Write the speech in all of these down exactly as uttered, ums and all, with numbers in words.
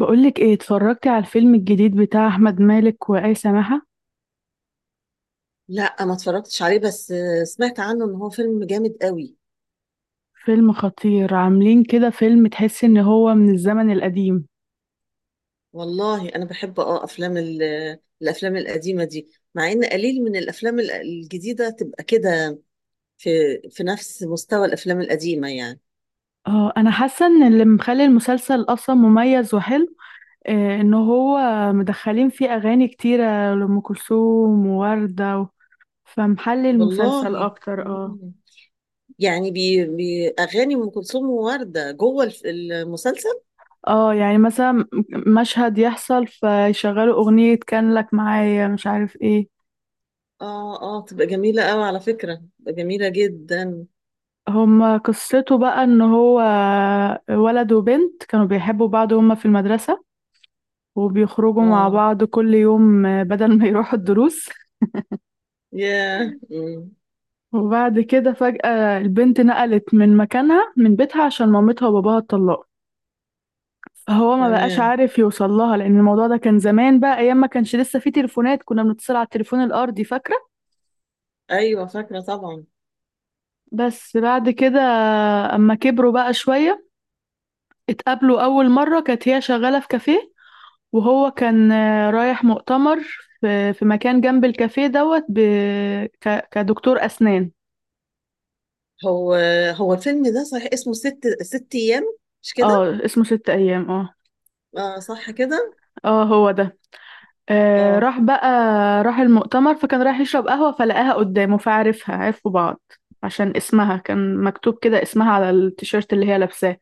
بقولك ايه اتفرجتي على الفيلم الجديد بتاع احمد مالك وآية سماحة. لا، ما اتفرجتش عليه بس آه، سمعت عنه ان هو فيلم جامد قوي. فيلم خطير، عاملين كده فيلم تحس ان هو من الزمن القديم. والله انا بحب اه افلام ال- الافلام القديمه دي، مع ان قليل من الافلام ال- الجديده تبقى كده في في نفس مستوى الافلام القديمه يعني. اه انا حاسه ان اللي مخلي المسلسل اصلا مميز وحلو آه ان هو مدخلين فيه اغاني كتيره لام كلثوم ووردة و... فمحلي المسلسل والله. اكتر اه مم. يعني بي بي اغاني ام كلثوم وورده جوه الف- المسلسل. اه يعني مثلا مشهد يحصل فيشغلوا اغنيه كان لك معايا مش عارف ايه. اه، اه، تبقى جميله قوي على فكره، تبقى جميله جدا. هما قصته بقى ان هو ولد وبنت كانوا بيحبوا بعض، هما في المدرسة وبيخرجوا مع اه، بعض كل يوم بدل ما يروحوا الدروس. ياه. مم. وبعد كده فجأة البنت نقلت من مكانها من بيتها عشان مامتها وباباها اتطلقوا، فهو ما بقاش تمام. عارف يوصل لها لان الموضوع ده كان زمان بقى، ايام ما كانش لسه في تليفونات، كنا بنتصل على التليفون الارضي فاكرة. ايوه فاكره طبعا. بس بعد كده اما كبروا بقى شوية اتقابلوا اول مرة، كانت هي شغالة في كافيه وهو كان آه، رايح مؤتمر في في مكان جنب الكافيه دوت ب... ك... كدكتور أسنان. هو هو الفيلم ده صحيح اسمه ست ست ايام، مش كده؟ اه اسمه ست أيام اه، اه، صح كده؟ اه هو ده. آه اه. راح بقى، راح المؤتمر فكان رايح يشرب قهوة فلقاها قدامه فعرفها، عرفوا بعض عشان اسمها كان مكتوب كده، اسمها على التيشيرت اللي هي لابساه.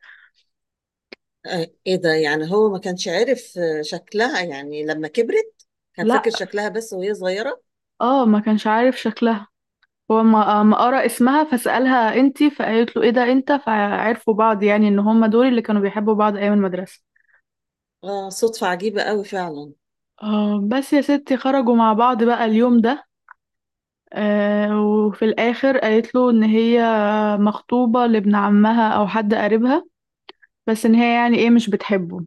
آه، ايه ده، يعني هو ما كانش عارف آه، شكلها يعني لما كبرت؟ كان لا فاكر شكلها بس وهي صغيرة. اه ما كانش عارف شكلها، هو ما ما قرأ اسمها فسألها انتي، فقالت له ايه ده انت، فعرفوا بعض يعني ان هما دول اللي كانوا بيحبوا بعض ايام المدرسة. اه، صدفة عجيبة قوي فعلا. آه، بس يا ستي خرجوا مع بعض بقى اليوم ده، آه، وفي الآخر قالت له إن هي مخطوبة لابن عمها أو حد قريبها، بس إن هي يعني إيه مش بتحبه.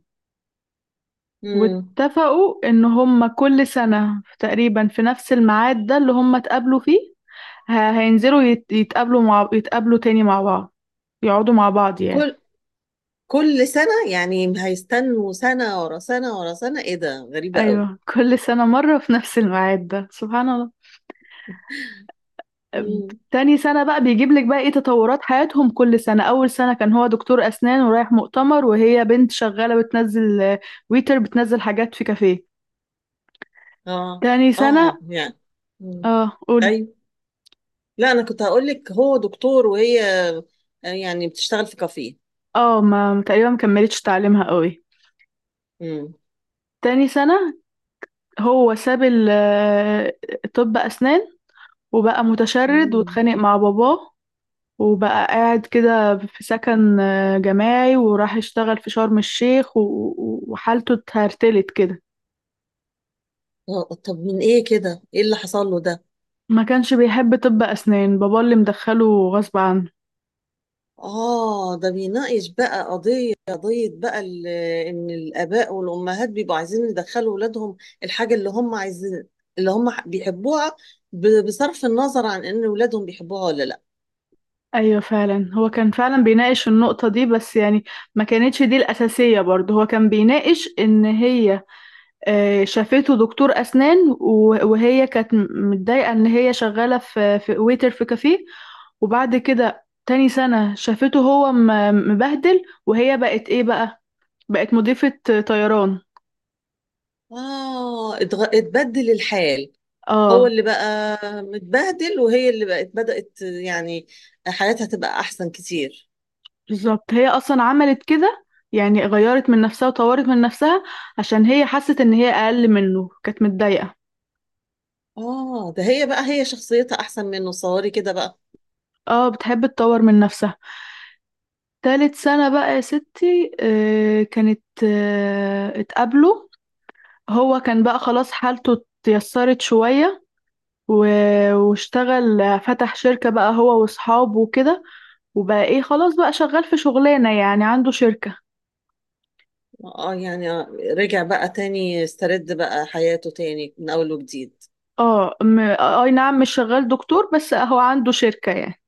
مم. واتفقوا إن هما كل سنة تقريبا في نفس الميعاد ده اللي هما اتقابلوا فيه ه- هينزلوا يت- يتقابلوا مع يتقابلوا تاني مع بعض، يقعدوا مع بعض يعني. كل كل سنة يعني هيستنوا سنة ورا سنة ورا سنة؟ ايه ده غريبة قوي. أيوة كل سنة مرة في نفس الميعاد ده سبحان الله. مم. تاني سنة بقى بيجيب لك بقى ايه تطورات حياتهم كل سنة. أول سنة كان هو دكتور أسنان ورايح مؤتمر، وهي بنت شغالة بتنزل آه، ويتر، بتنزل حاجات في كافيه. اه، تاني اه، سنة يعني. مم. اه قولي، ايوه. لا، انا كنت هقول لك هو دكتور وهي آه، يعني بتشتغل في كافيه. اه ما تقريبا مكملتش تعليمها قوي. مم. تاني سنة هو ساب ال- آه، طب أسنان وبقى متشرد مم. واتخانق مع باباه، وبقى قاعد كده في سكن آه، جماعي، وراح يشتغل في شرم الشيخ و- و- وحالته اتهرتلت كده. آه، طب من ايه كده، ايه اللي حصل له ده؟ ما كانش بيحب طب أسنان، بابا اللي مدخله غصب عنه. اه، ده بيناقش بقى قضية قضية بقى ال- ان الاباء والامهات بيبقوا عايزين يدخلوا ولادهم الحاجة اللي هم عايزين، اللي هم ح- بيحبوها، ب- بصرف النظر عن ان ولادهم بيحبوها ولا لا. أيوة فعلا هو كان فعلا بيناقش النقطة دي بس يعني ما كانتش دي الأساسية، برضه هو كان بيناقش إن هي آه، شافته دكتور أسنان و- وهي كانت م- متضايقة إن هي شغالة في في ويتر في كافيه. وبعد كده تاني سنة شافته هو م- مبهدل، وهي بقت إيه بقى؟ بقت مضيفة طيران. اه، اتغ... اتبدل الحال. هو اه اللي بقى متبهدل، وهي اللي بقت بدأت يعني حياتها تبقى احسن كتير. بالظبط هي اصلا عملت كده، يعني غيرت من نفسها وطورت من نفسها عشان هي حست ان هي اقل منه، كانت متضايقة. اه، ده هي بقى هي شخصيتها احسن منه، صوري كده بقى. اه بتحب تطور من نفسها. تالت سنة بقى يا ستي آه كانت آه اتقابلوا، هو كان بقى خلاص حالته اتيسرت شوية و- واشتغل، فتح شركة بقى هو واصحابه وكده، وبقى ايه خلاص بقى شغال في شغلانة، يعني عنده شركة. اه، يعني آه، رجع بقى تاني، استرد بقى حياته تاني من اول وجديد. اه م- آه، اي نعم مش شغال دكتور بس هو عنده شركة يعني.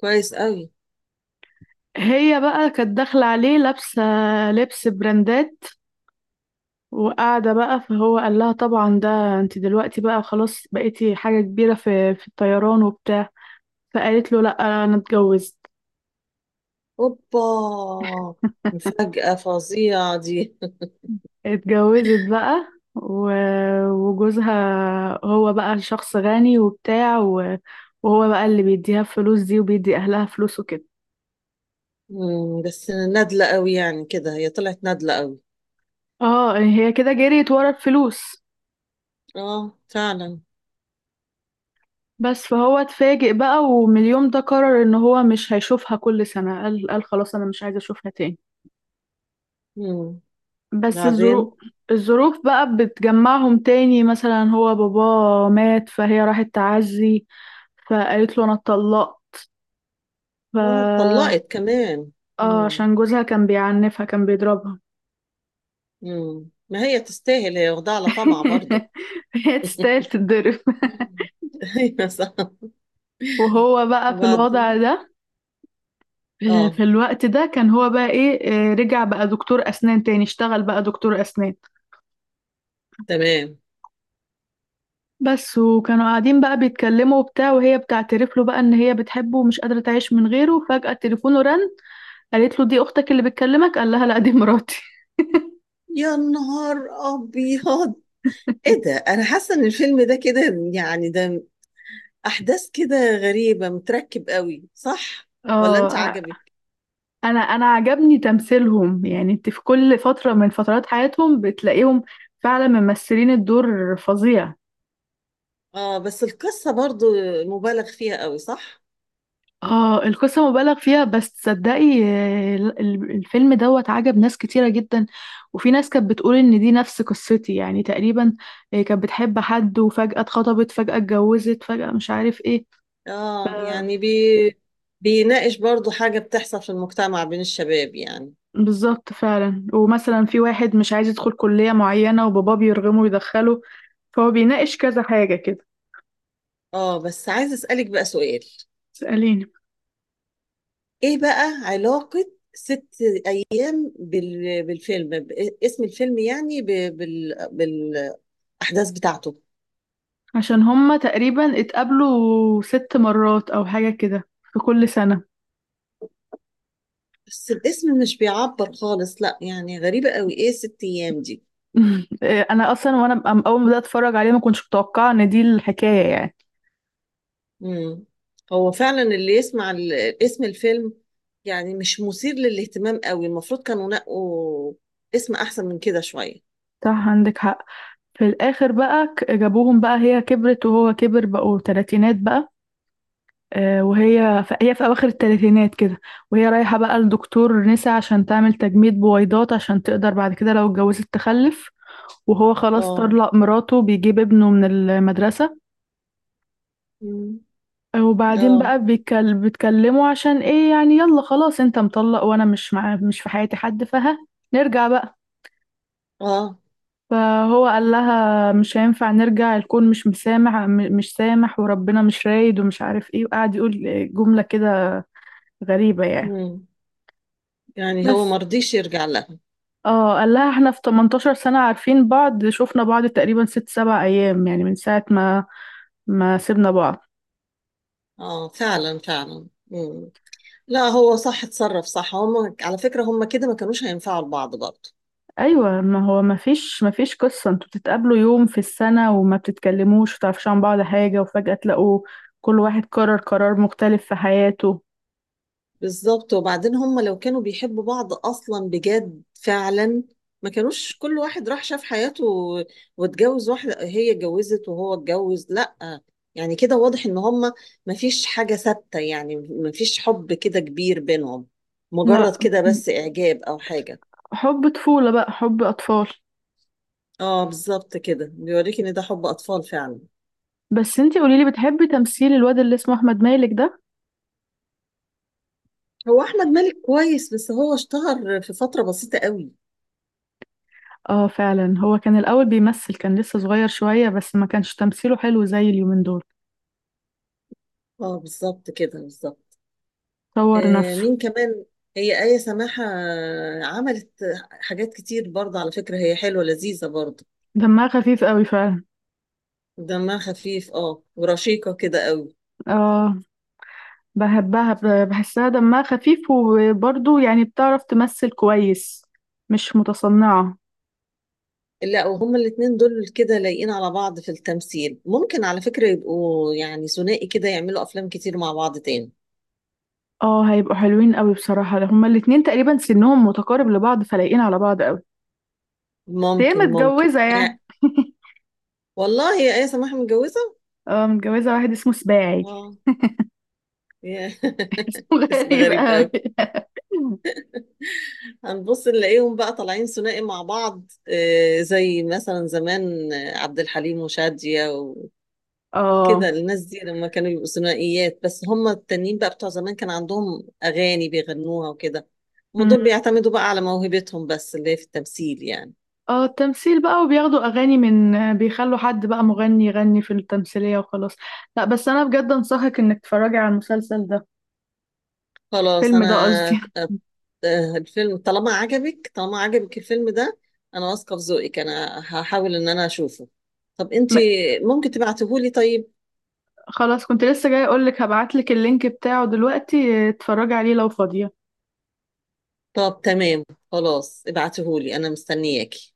كويس قوي. هي بقى كانت داخلة عليه لابسة لبس براندات وقاعدة بقى، فهو قال لها طبعا ده انت دلوقتي بقى خلاص بقيتي حاجة كبيرة في في الطيران وبتاع، فقالت له لا انا اتجوزت. اوبا. مفاجأة فظيعة دي. اتجوزت بقى و- وجوزها هو بقى شخص غني وبتاع و- وهو بقى اللي بيديها الفلوس دي وبيدي اهلها فلوس وكده. مم، بس نادلة قوي يعني كده، هي طلعت نادلة قوي. اه هي كده جريت ورا الفلوس. اه فعلا. بس فهو اتفاجئ بقى، ومن اليوم ده قرر ان هو مش هيشوفها كل سنة، قال قال خلاص انا مش عايز اشوفها تاني. مم. بس الظروف، بعدين. الظروف بقى بتجمعهم تاني، مثلا هو باباه مات فهي راحت تعزي، فقالت له انا اتطلقت. ف اه، اتطلقت كمان. اه مم. عشان جوزها كان بيعنفها، كان بيضربها. مم. ما هي تستاهل، هي واخدة على طمع برضه. هي تستاهل تتضرب. ايوه صح. وهو بقى في الوضع وبعدين. ده، اه. في الوقت ده كان هو بقى ايه آه، رجع بقى دكتور اسنان تاني، اشتغل بقى دكتور اسنان تمام. بس. وكانوا قاعدين بقى بيتكلموا وبتاع، وهي بتعترف له بقى ان هي بتحبه ومش قادرة تعيش من غيره. فجأة تليفونه رن، قالت له دي اختك اللي بتكلمك، قال لها لا دي مراتي. يا نهار ابيض، ايه ده، انا حاسه ان الفيلم ده كده يعني، ده احداث كده غريبه، متركب قوي صح؟ ولا انت اه عجبك؟ انا انا عجبني تمثيلهم، يعني انت في كل فترة من فترات حياتهم بتلاقيهم فعلا ممثلين الدور فظيع. اه، بس القصه برضو مبالغ فيها قوي صح. اه القصة مبالغ فيها، بس تصدقي آه، ال- ال- الفيلم دوت عجب ناس كتيرة جدا، وفي ناس كانت بتقول ان دي نفس قصتي يعني تقريبا، آه، كانت بتحب حد وفجأة اتخطبت، فجأة اتجوزت، فجأة مش عارف ايه. ف- اه، يعني بي بيناقش برضو حاجه بتحصل في المجتمع بين الشباب يعني. بالظبط فعلا، ومثلا في واحد مش عايز يدخل كلية معينة وباباه بيرغمه يدخله، فهو بيناقش كذا حاجة كده. اه، بس عايزه اسالك بقى سؤال. اسأليني. ايه بقى علاقه ست ايام بال... بالفيلم، ب- اسم الفيلم يعني، ب... بال... بالاحداث بتاعته؟ عشان هما تقريبا اتقابلوا ست مرات او حاجة كده في كل سنة. بس الاسم مش بيعبر خالص لا، يعني غريبة قوي، ايه ست ايام دي؟ إيه، انا اصلا وانا أم- اول ما بدات اتفرج عليه ما كنتش متوقعه ان دي الحكايه يعني. مم. هو فعلا اللي يسمع ال- اسم الفيلم يعني مش مثير للاهتمام قوي، المفروض كانوا نقوا اسم احسن من كده شوية. صح عندك حق. في الاخر بقى ك- جابوهم بقى، هي كبرت وهو كبر، بقوا تلاتينات بقى، آه، وهي في هي في اواخر التلاتينات كده، وهي رايحه بقى لدكتور نسا عشان تعمل تجميد بويضات عشان تقدر بعد كده لو اتجوزت تخلف. وهو خلاص اه. طلق مراته، بيجيب ابنه من المدرسه. مم. آه، وبعدين اه، بقى بيتكل- بيتكلموا عشان ايه يعني، يلا خلاص انت مطلق وانا مش مع مش في حياتي حد، فها نرجع بقى. اه. فهو قال لها مش هينفع نرجع، الكون مش مسامح م- مش سامح، وربنا مش رايد ومش عارف ايه، وقعد يقول جملة كده غريبة يعني. مم. يعني هو بس مرضيش يرجع لها. اه قال لها احنا في ثمانية عشر سنة عارفين بعض شفنا بعض تقريبا ست سبع ايام، يعني من ساعة ما ما سيبنا بعض. اه فعلا، فعلا. مم. لا، هو صح، اتصرف صح، هم على فكرة هم كده ما كانوش هينفعوا لبعض برضه. ايوه ما هو ما فيش ما فيش قصة انتوا بتتقابلوا يوم في السنة وما بتتكلموش وتعرفش عن بعض حاجة، وفجأة تلاقوا كل واحد قرر قرار مختلف في حياته. بالظبط، وبعدين هم لو كانوا بيحبوا بعض اصلا بجد فعلا ما كانوش كل واحد راح شاف حياته و- واتجوز واحده، هي اتجوزت وهو اتجوز لا. يعني كده واضح ان هم ما فيش حاجه ثابته، يعني ما فيش حب كده كبير بينهم، مجرد لا كده بس اعجاب او حاجه. حب طفولة بقى، حب أطفال. اه بالظبط، كده بيوريك ان ده حب اطفال فعلا. بس انتي قوليلي بتحبي تمثيل الواد اللي اسمه احمد مالك ده؟ هو احمد مالك كويس، بس هو اشتهر في فتره بسيطه قوي. اه فعلا هو كان الاول بيمثل، كان لسه صغير شوية بس ما كانش تمثيله حلو زي اليومين دول. اه بالظبط كده، بالظبط. طور آه، نفسه. مين كمان؟ هي آية سماحة عملت حاجات كتير برضه على فكرة، هي حلوة لذيذة برضه. دمها خفيف قوي فعلا. دمها خفيف اه، ورشيقة كده قوي. اه بحبها، ب- بحسها دمها خفيف، وبرضه يعني بتعرف تمثل كويس، مش متصنعة. لا، وهما الاتنين دول كده لايقين على بعض في التمثيل، ممكن على فكرة يبقوا يعني ثنائي كده، يعملوا أفلام كتير مع بعض تاني. اه هيبقوا حلوين قوي بصراحة، هما الاتنين تقريبا سنهم متقارب لبعض فلايقين على بعض قوي. هي ممكن، ممكن متجوزة يعني. يعني. والله هي آية سماحة متجوزة. اه متجوزة واحد اسمه سباعي. اه. يا. اسمه اسم غريب غريب قوي. قوي. هنبص نلاقيهم بقى طالعين ثنائي مع بعض، آه، زي مثلا زمان آه، عبد الحليم وشادية اه وكده، الناس دي لما كانوا يبقوا ثنائيات، بس هم التانيين بقى بتوع زمان كان عندهم أغاني بيغنوها وكده. هم مم. دول بيعتمدوا بقى على موهبتهم بس اللي هي في التمثيل يعني. اه التمثيل بقى، وبياخدوا اغاني، من بيخلوا حد بقى مغني يغني في التمثيلية وخلاص. لا بس انا بجد انصحك انك تتفرجي على المسلسل ده، خلاص الفيلم أنا. ده قصدي. آه، آه، الفيلم طالما عجبك، طالما عجبك الفيلم ده، أنا واثقة في ذوقك، أنا هحاول إن أنا أشوفه. طب انت م- ممكن تبعتهولي طيب؟ خلاص كنت لسه جاي اقولك هبعتلك اللينك بتاعه دلوقتي، اه، اتفرجي عليه لو فاضية. طب تمام، خلاص، ابعتهولي انا مستنياكي.